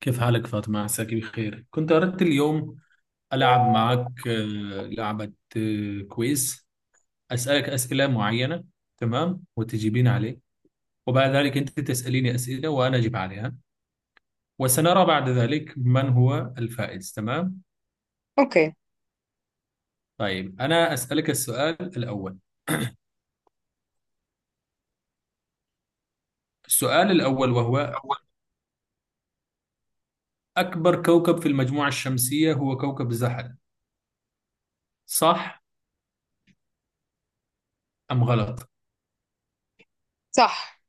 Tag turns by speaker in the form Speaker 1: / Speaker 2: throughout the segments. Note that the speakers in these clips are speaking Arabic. Speaker 1: كيف حالك فاطمة؟ عساك بخير. كنت أردت اليوم ألعب معك لعبة كويز، أسألك أسئلة معينة، تمام، وتجيبين عليه، وبعد ذلك أنت تسأليني أسئلة وأنا أجيب عليها، وسنرى بعد ذلك من هو الفائز. تمام.
Speaker 2: اوكي.
Speaker 1: طيب، أنا أسألك السؤال الأول. السؤال الأول وهو: أكبر كوكب في المجموعة الشمسية هو كوكب زحل، صح أم غلط؟
Speaker 2: صح.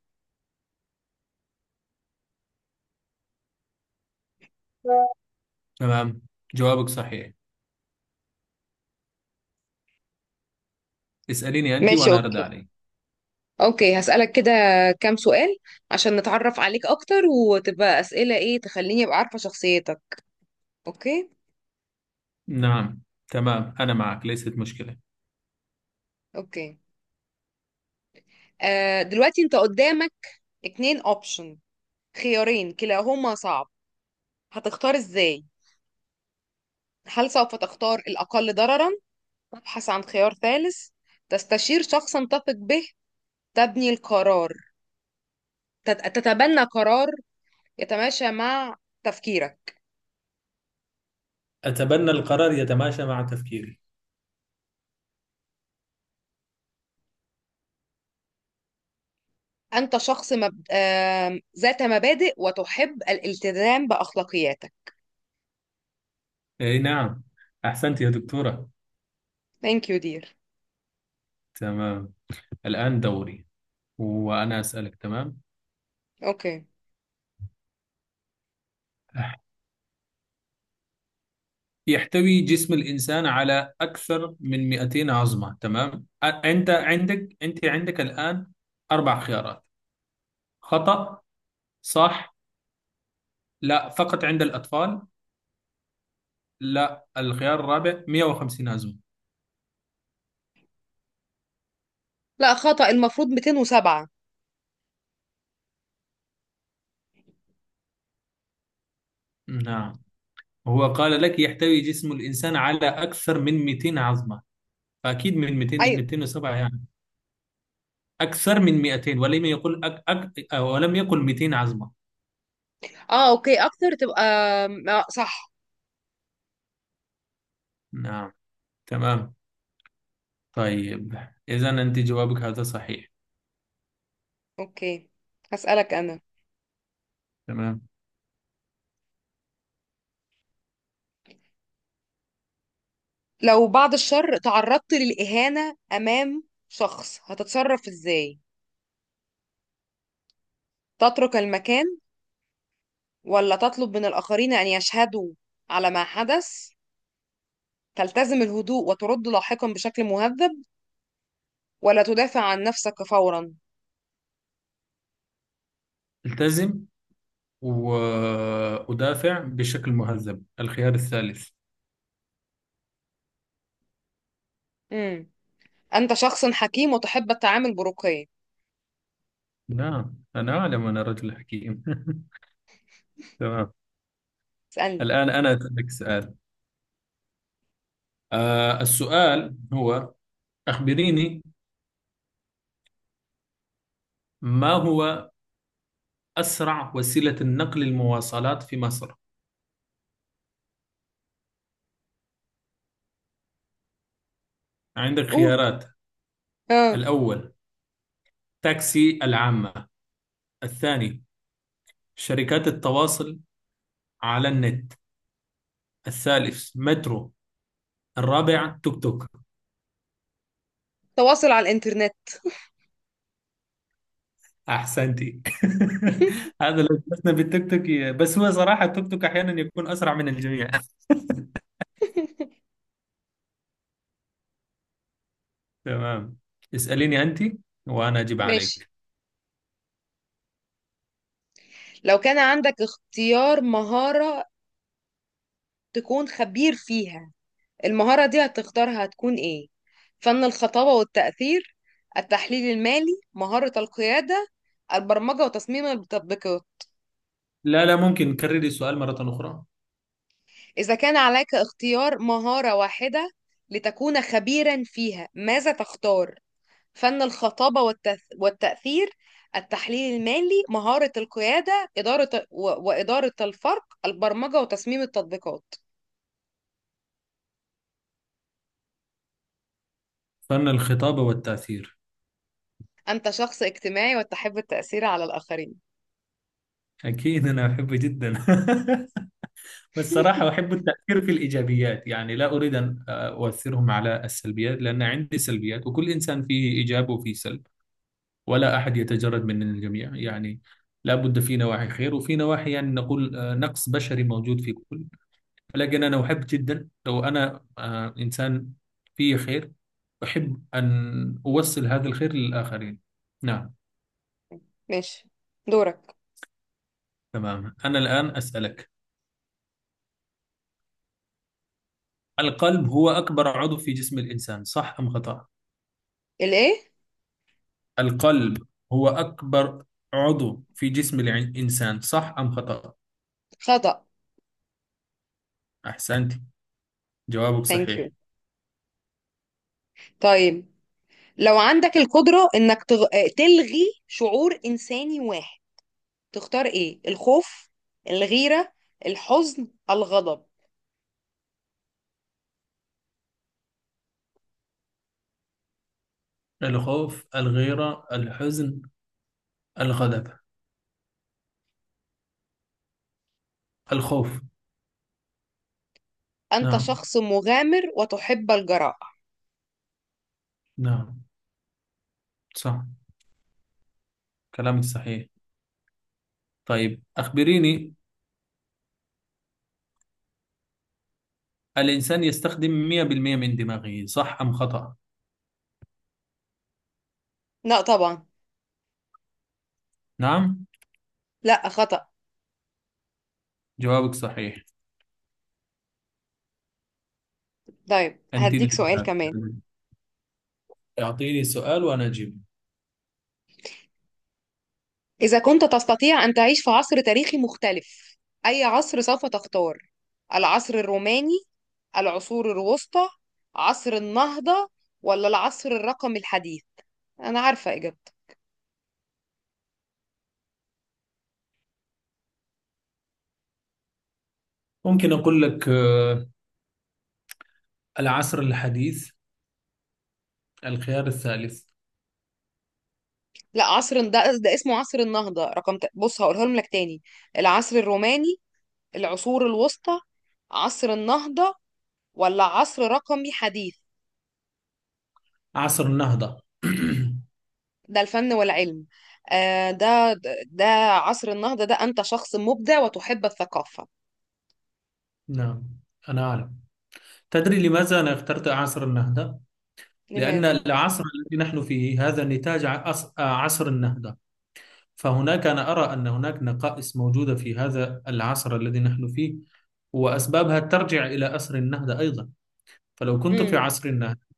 Speaker 1: تمام، جوابك صحيح. اسأليني أنت
Speaker 2: ماشي،
Speaker 1: وأنا أرد
Speaker 2: اوكي.
Speaker 1: عليك.
Speaker 2: اوكي، هسألك كده كام سؤال عشان نتعرف عليك اكتر، وتبقى اسئلة ايه تخليني ابقى عارفة شخصيتك. اوكي
Speaker 1: نعم، تمام، أنا معك، ليست مشكلة.
Speaker 2: اوكي. دلوقتي انت قدامك اتنين اوبشن، خيارين كلاهما صعب. هتختار ازاي؟ هل سوف تختار الاقل ضررا، تبحث عن خيار ثالث، تستشير شخصا تثق به، تبني القرار، تتبنى قرار يتماشى مع تفكيرك.
Speaker 1: أتبنى القرار يتماشى مع تفكيري.
Speaker 2: أنت شخص مب... آم، ذات مبادئ وتحب الالتزام بأخلاقياتك.
Speaker 1: أي نعم. أحسنت يا دكتورة.
Speaker 2: thank you dear.
Speaker 1: تمام، الآن دوري وأنا أسألك. تمام،
Speaker 2: أوكي.
Speaker 1: يحتوي جسم الإنسان على أكثر من 200 عظمة. تمام، أنت عندك، أنت عندك الآن أربع خيارات: خطأ، صح، لا فقط عند الأطفال، لا الخيار الرابع 150 عظمة.
Speaker 2: لا، خطأ، المفروض 207.
Speaker 1: نعم، هو قال لك يحتوي جسم الإنسان على أكثر من 200 عظمة، أكيد من 200،
Speaker 2: أيوة.
Speaker 1: 200 إصابة يعني، أكثر من 200، ولم يقل أك أك أو ولم يقل 200 عزمة.
Speaker 2: أه، أوكي، أكتر تبقى. آه، صح.
Speaker 1: نعم، تمام، طيب، إذا أنت جوابك هذا صحيح.
Speaker 2: أوكي، هسألك أنا.
Speaker 1: تمام،
Speaker 2: لو بعد الشر تعرضت للإهانة أمام شخص هتتصرف إزاي؟ تترك المكان، ولا تطلب من الآخرين أن يشهدوا على ما حدث، تلتزم الهدوء وترد لاحقا بشكل مهذب، ولا تدافع عن نفسك فورا؟
Speaker 1: التزم وأدافع بشكل مهذب، الخيار الثالث.
Speaker 2: مم. أنت شخص حكيم وتحب التعامل برقي.
Speaker 1: نعم، أنا أعلم، أنا رجل حكيم. تمام،
Speaker 2: اسألني.
Speaker 1: الآن أنا أسألك سؤال. آه، السؤال هو: أخبريني، ما هو أسرع وسيلة نقل المواصلات في مصر؟ عندك
Speaker 2: قول.
Speaker 1: خيارات:
Speaker 2: اه.
Speaker 1: الأول تاكسي العامة، الثاني شركات التواصل على النت، الثالث مترو، الرابع توك توك.
Speaker 2: تواصل على الإنترنت.
Speaker 1: أحسنتي. هذا لو جلسنا بالتوك توك، بس هو صراحة التوك توك أحيانا يكون أسرع من الجميع. تمام، اسأليني أنت وأنا أجيب
Speaker 2: ماشي.
Speaker 1: عليك.
Speaker 2: لو كان عندك اختيار مهارة تكون خبير فيها، المهارة دي هتختارها هتكون إيه؟ فن الخطابة والتأثير، التحليل المالي، مهارة القيادة، البرمجة وتصميم التطبيقات.
Speaker 1: لا، ممكن كرري السؤال مرة أخرى.
Speaker 2: إذا كان عليك اختيار مهارة واحدة لتكون خبيرا فيها، ماذا تختار؟ فن الخطابة والتأثير، التحليل المالي، مهارة القيادة، وإدارة الفرق، البرمجة وتصميم التطبيقات.
Speaker 1: فن الخطابة والتأثير.
Speaker 2: أنت شخص اجتماعي وتحب التأثير على الآخرين.
Speaker 1: أكيد أنا أحبه جدا. بالصراحة أحب التأثير في الإيجابيات، يعني لا أريد أن أؤثرهم على السلبيات، لأن عندي سلبيات، وكل إنسان فيه إيجاب وفيه سلب، ولا أحد يتجرد من الجميع، يعني لا بد في نواحي خير وفي نواحي يعني نقول نقص بشري موجود في كل. لكن أنا أحب جدا لو أنا إنسان فيه خير، أحب أن أوصل هذا الخير للآخرين. نعم.
Speaker 2: ماشي، دورك.
Speaker 1: تمام، أنا الآن أسألك: القلب هو أكبر عضو في جسم الإنسان، صح أم خطأ؟
Speaker 2: الإيه؟
Speaker 1: القلب هو أكبر عضو في جسم الإنسان، صح أم خطأ؟
Speaker 2: خطأ.
Speaker 1: أحسنت، جوابك
Speaker 2: thank
Speaker 1: صحيح.
Speaker 2: you. طيب، لو عندك القدرة إنك تلغي شعور إنساني واحد، تختار إيه؟ الخوف، الغيرة، الحزن، الغضب؟
Speaker 1: الخوف، الغيرة، الحزن، الغضب. الخوف.
Speaker 2: أنت
Speaker 1: نعم،
Speaker 2: شخص مغامر وتحب الجراءة.
Speaker 1: نعم، صح، كلامك صحيح. طيب أخبريني: الإنسان يستخدم 100% من دماغه، صح أم خطأ؟
Speaker 2: لا طبعا.
Speaker 1: نعم،
Speaker 2: لا، خطأ.
Speaker 1: جوابك صحيح.
Speaker 2: طيب هديك
Speaker 1: أنتني،
Speaker 2: سؤال كمان.
Speaker 1: أعطيني سؤال وأنا أجيب.
Speaker 2: إذا كنت تستطيع أن تعيش في عصر تاريخي مختلف، أي عصر سوف تختار؟ العصر الروماني، العصور الوسطى، عصر النهضة، ولا العصر الرقمي الحديث؟ أنا عارفة إجابته.
Speaker 1: ممكن أقول لك، العصر الحديث، الخيار الثالث.
Speaker 2: لا، عصر ده, ده اسمه عصر النهضة. بص هقولها لك تاني. العصر الروماني، العصور الوسطى، عصر النهضة، ولا عصر رقمي حديث.
Speaker 1: عصر النهضة.
Speaker 2: ده الفن والعلم. آه، ده ده عصر النهضة. ده أنت شخص مبدع وتحب الثقافة.
Speaker 1: نعم، أنا أعلم. تدري لماذا أنا اخترت عصر النهضة؟ لأن
Speaker 2: لماذا؟
Speaker 1: العصر الذي نحن فيه هذا نتاج عصر النهضة، فهناك أنا أرى أن هناك نقائص موجودة في هذا العصر الذي نحن فيه، وأسبابها ترجع إلى عصر النهضة أيضا. فلو كنت في
Speaker 2: امم.
Speaker 1: عصر النهضة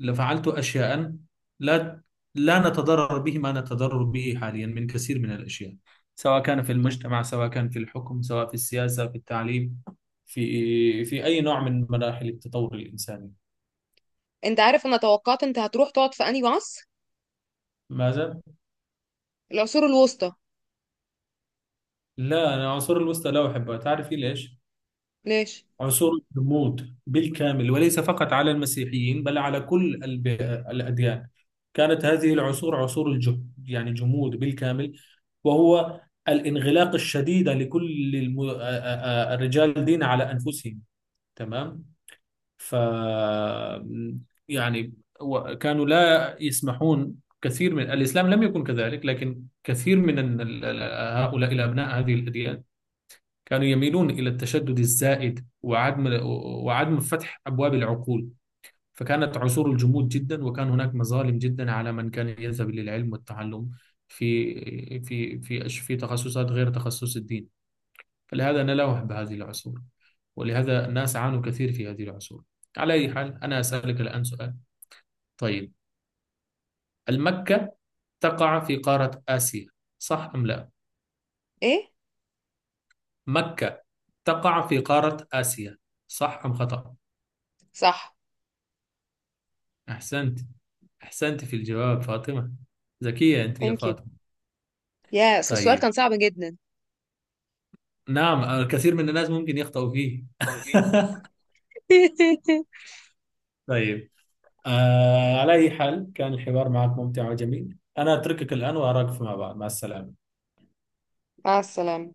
Speaker 1: لفعلت أشياء لا لا نتضرر به ما نتضرر به حاليا من كثير من الأشياء، سواء كان في المجتمع، سواء كان في الحكم، سواء في السياسة، في التعليم، في أي نوع من مراحل التطور الإنساني.
Speaker 2: أنت عارف أنا توقعت أنت هتروح تقعد في أنهي عصر؟
Speaker 1: ماذا؟
Speaker 2: العصور الوسطى.
Speaker 1: لا، أنا العصور الوسطى لا أحبها. تعرفي ليش؟
Speaker 2: ليش؟
Speaker 1: عصور الرموز بالكامل، وليس فقط على المسيحيين بل على كل الأديان. كانت هذه العصور عصور الجهد، يعني جمود بالكامل، وهو الانغلاق الشديد لكل الم... آ- آ- آ- الرجال دين على أنفسهم. تمام. ف يعني كانوا لا يسمحون. كثير من الإسلام لم يكن كذلك، لكن كثير من هؤلاء الأبناء هذه الأديان كانوا يميلون إلى التشدد الزائد وعدم فتح أبواب العقول. فكانت عصور الجمود جدا، وكان هناك مظالم جدا على من كان يذهب للعلم والتعلم في في تخصصات غير تخصص الدين. فلهذا نلوح بهذه العصور، ولهذا الناس عانوا كثير في هذه العصور. على أي حال، أنا أسألك الآن سؤال. طيب، المكة تقع في قارة آسيا، صح أم لا؟
Speaker 2: إيه؟
Speaker 1: مكة تقع في قارة آسيا، صح أم خطأ؟
Speaker 2: صح.
Speaker 1: أحسنت، أحسنت في الجواب فاطمة. ذكية أنت يا
Speaker 2: ثانك يو،
Speaker 1: فاطمة.
Speaker 2: يا السؤال
Speaker 1: طيب،
Speaker 2: كان صعب جدا.
Speaker 1: نعم، الكثير من الناس ممكن يخطئوا فيه. طيب، آه، على أي حال كان الحوار معك ممتع وجميل. أنا أتركك الآن وأراك فيما بعد. مع السلامة.
Speaker 2: مع السلامة.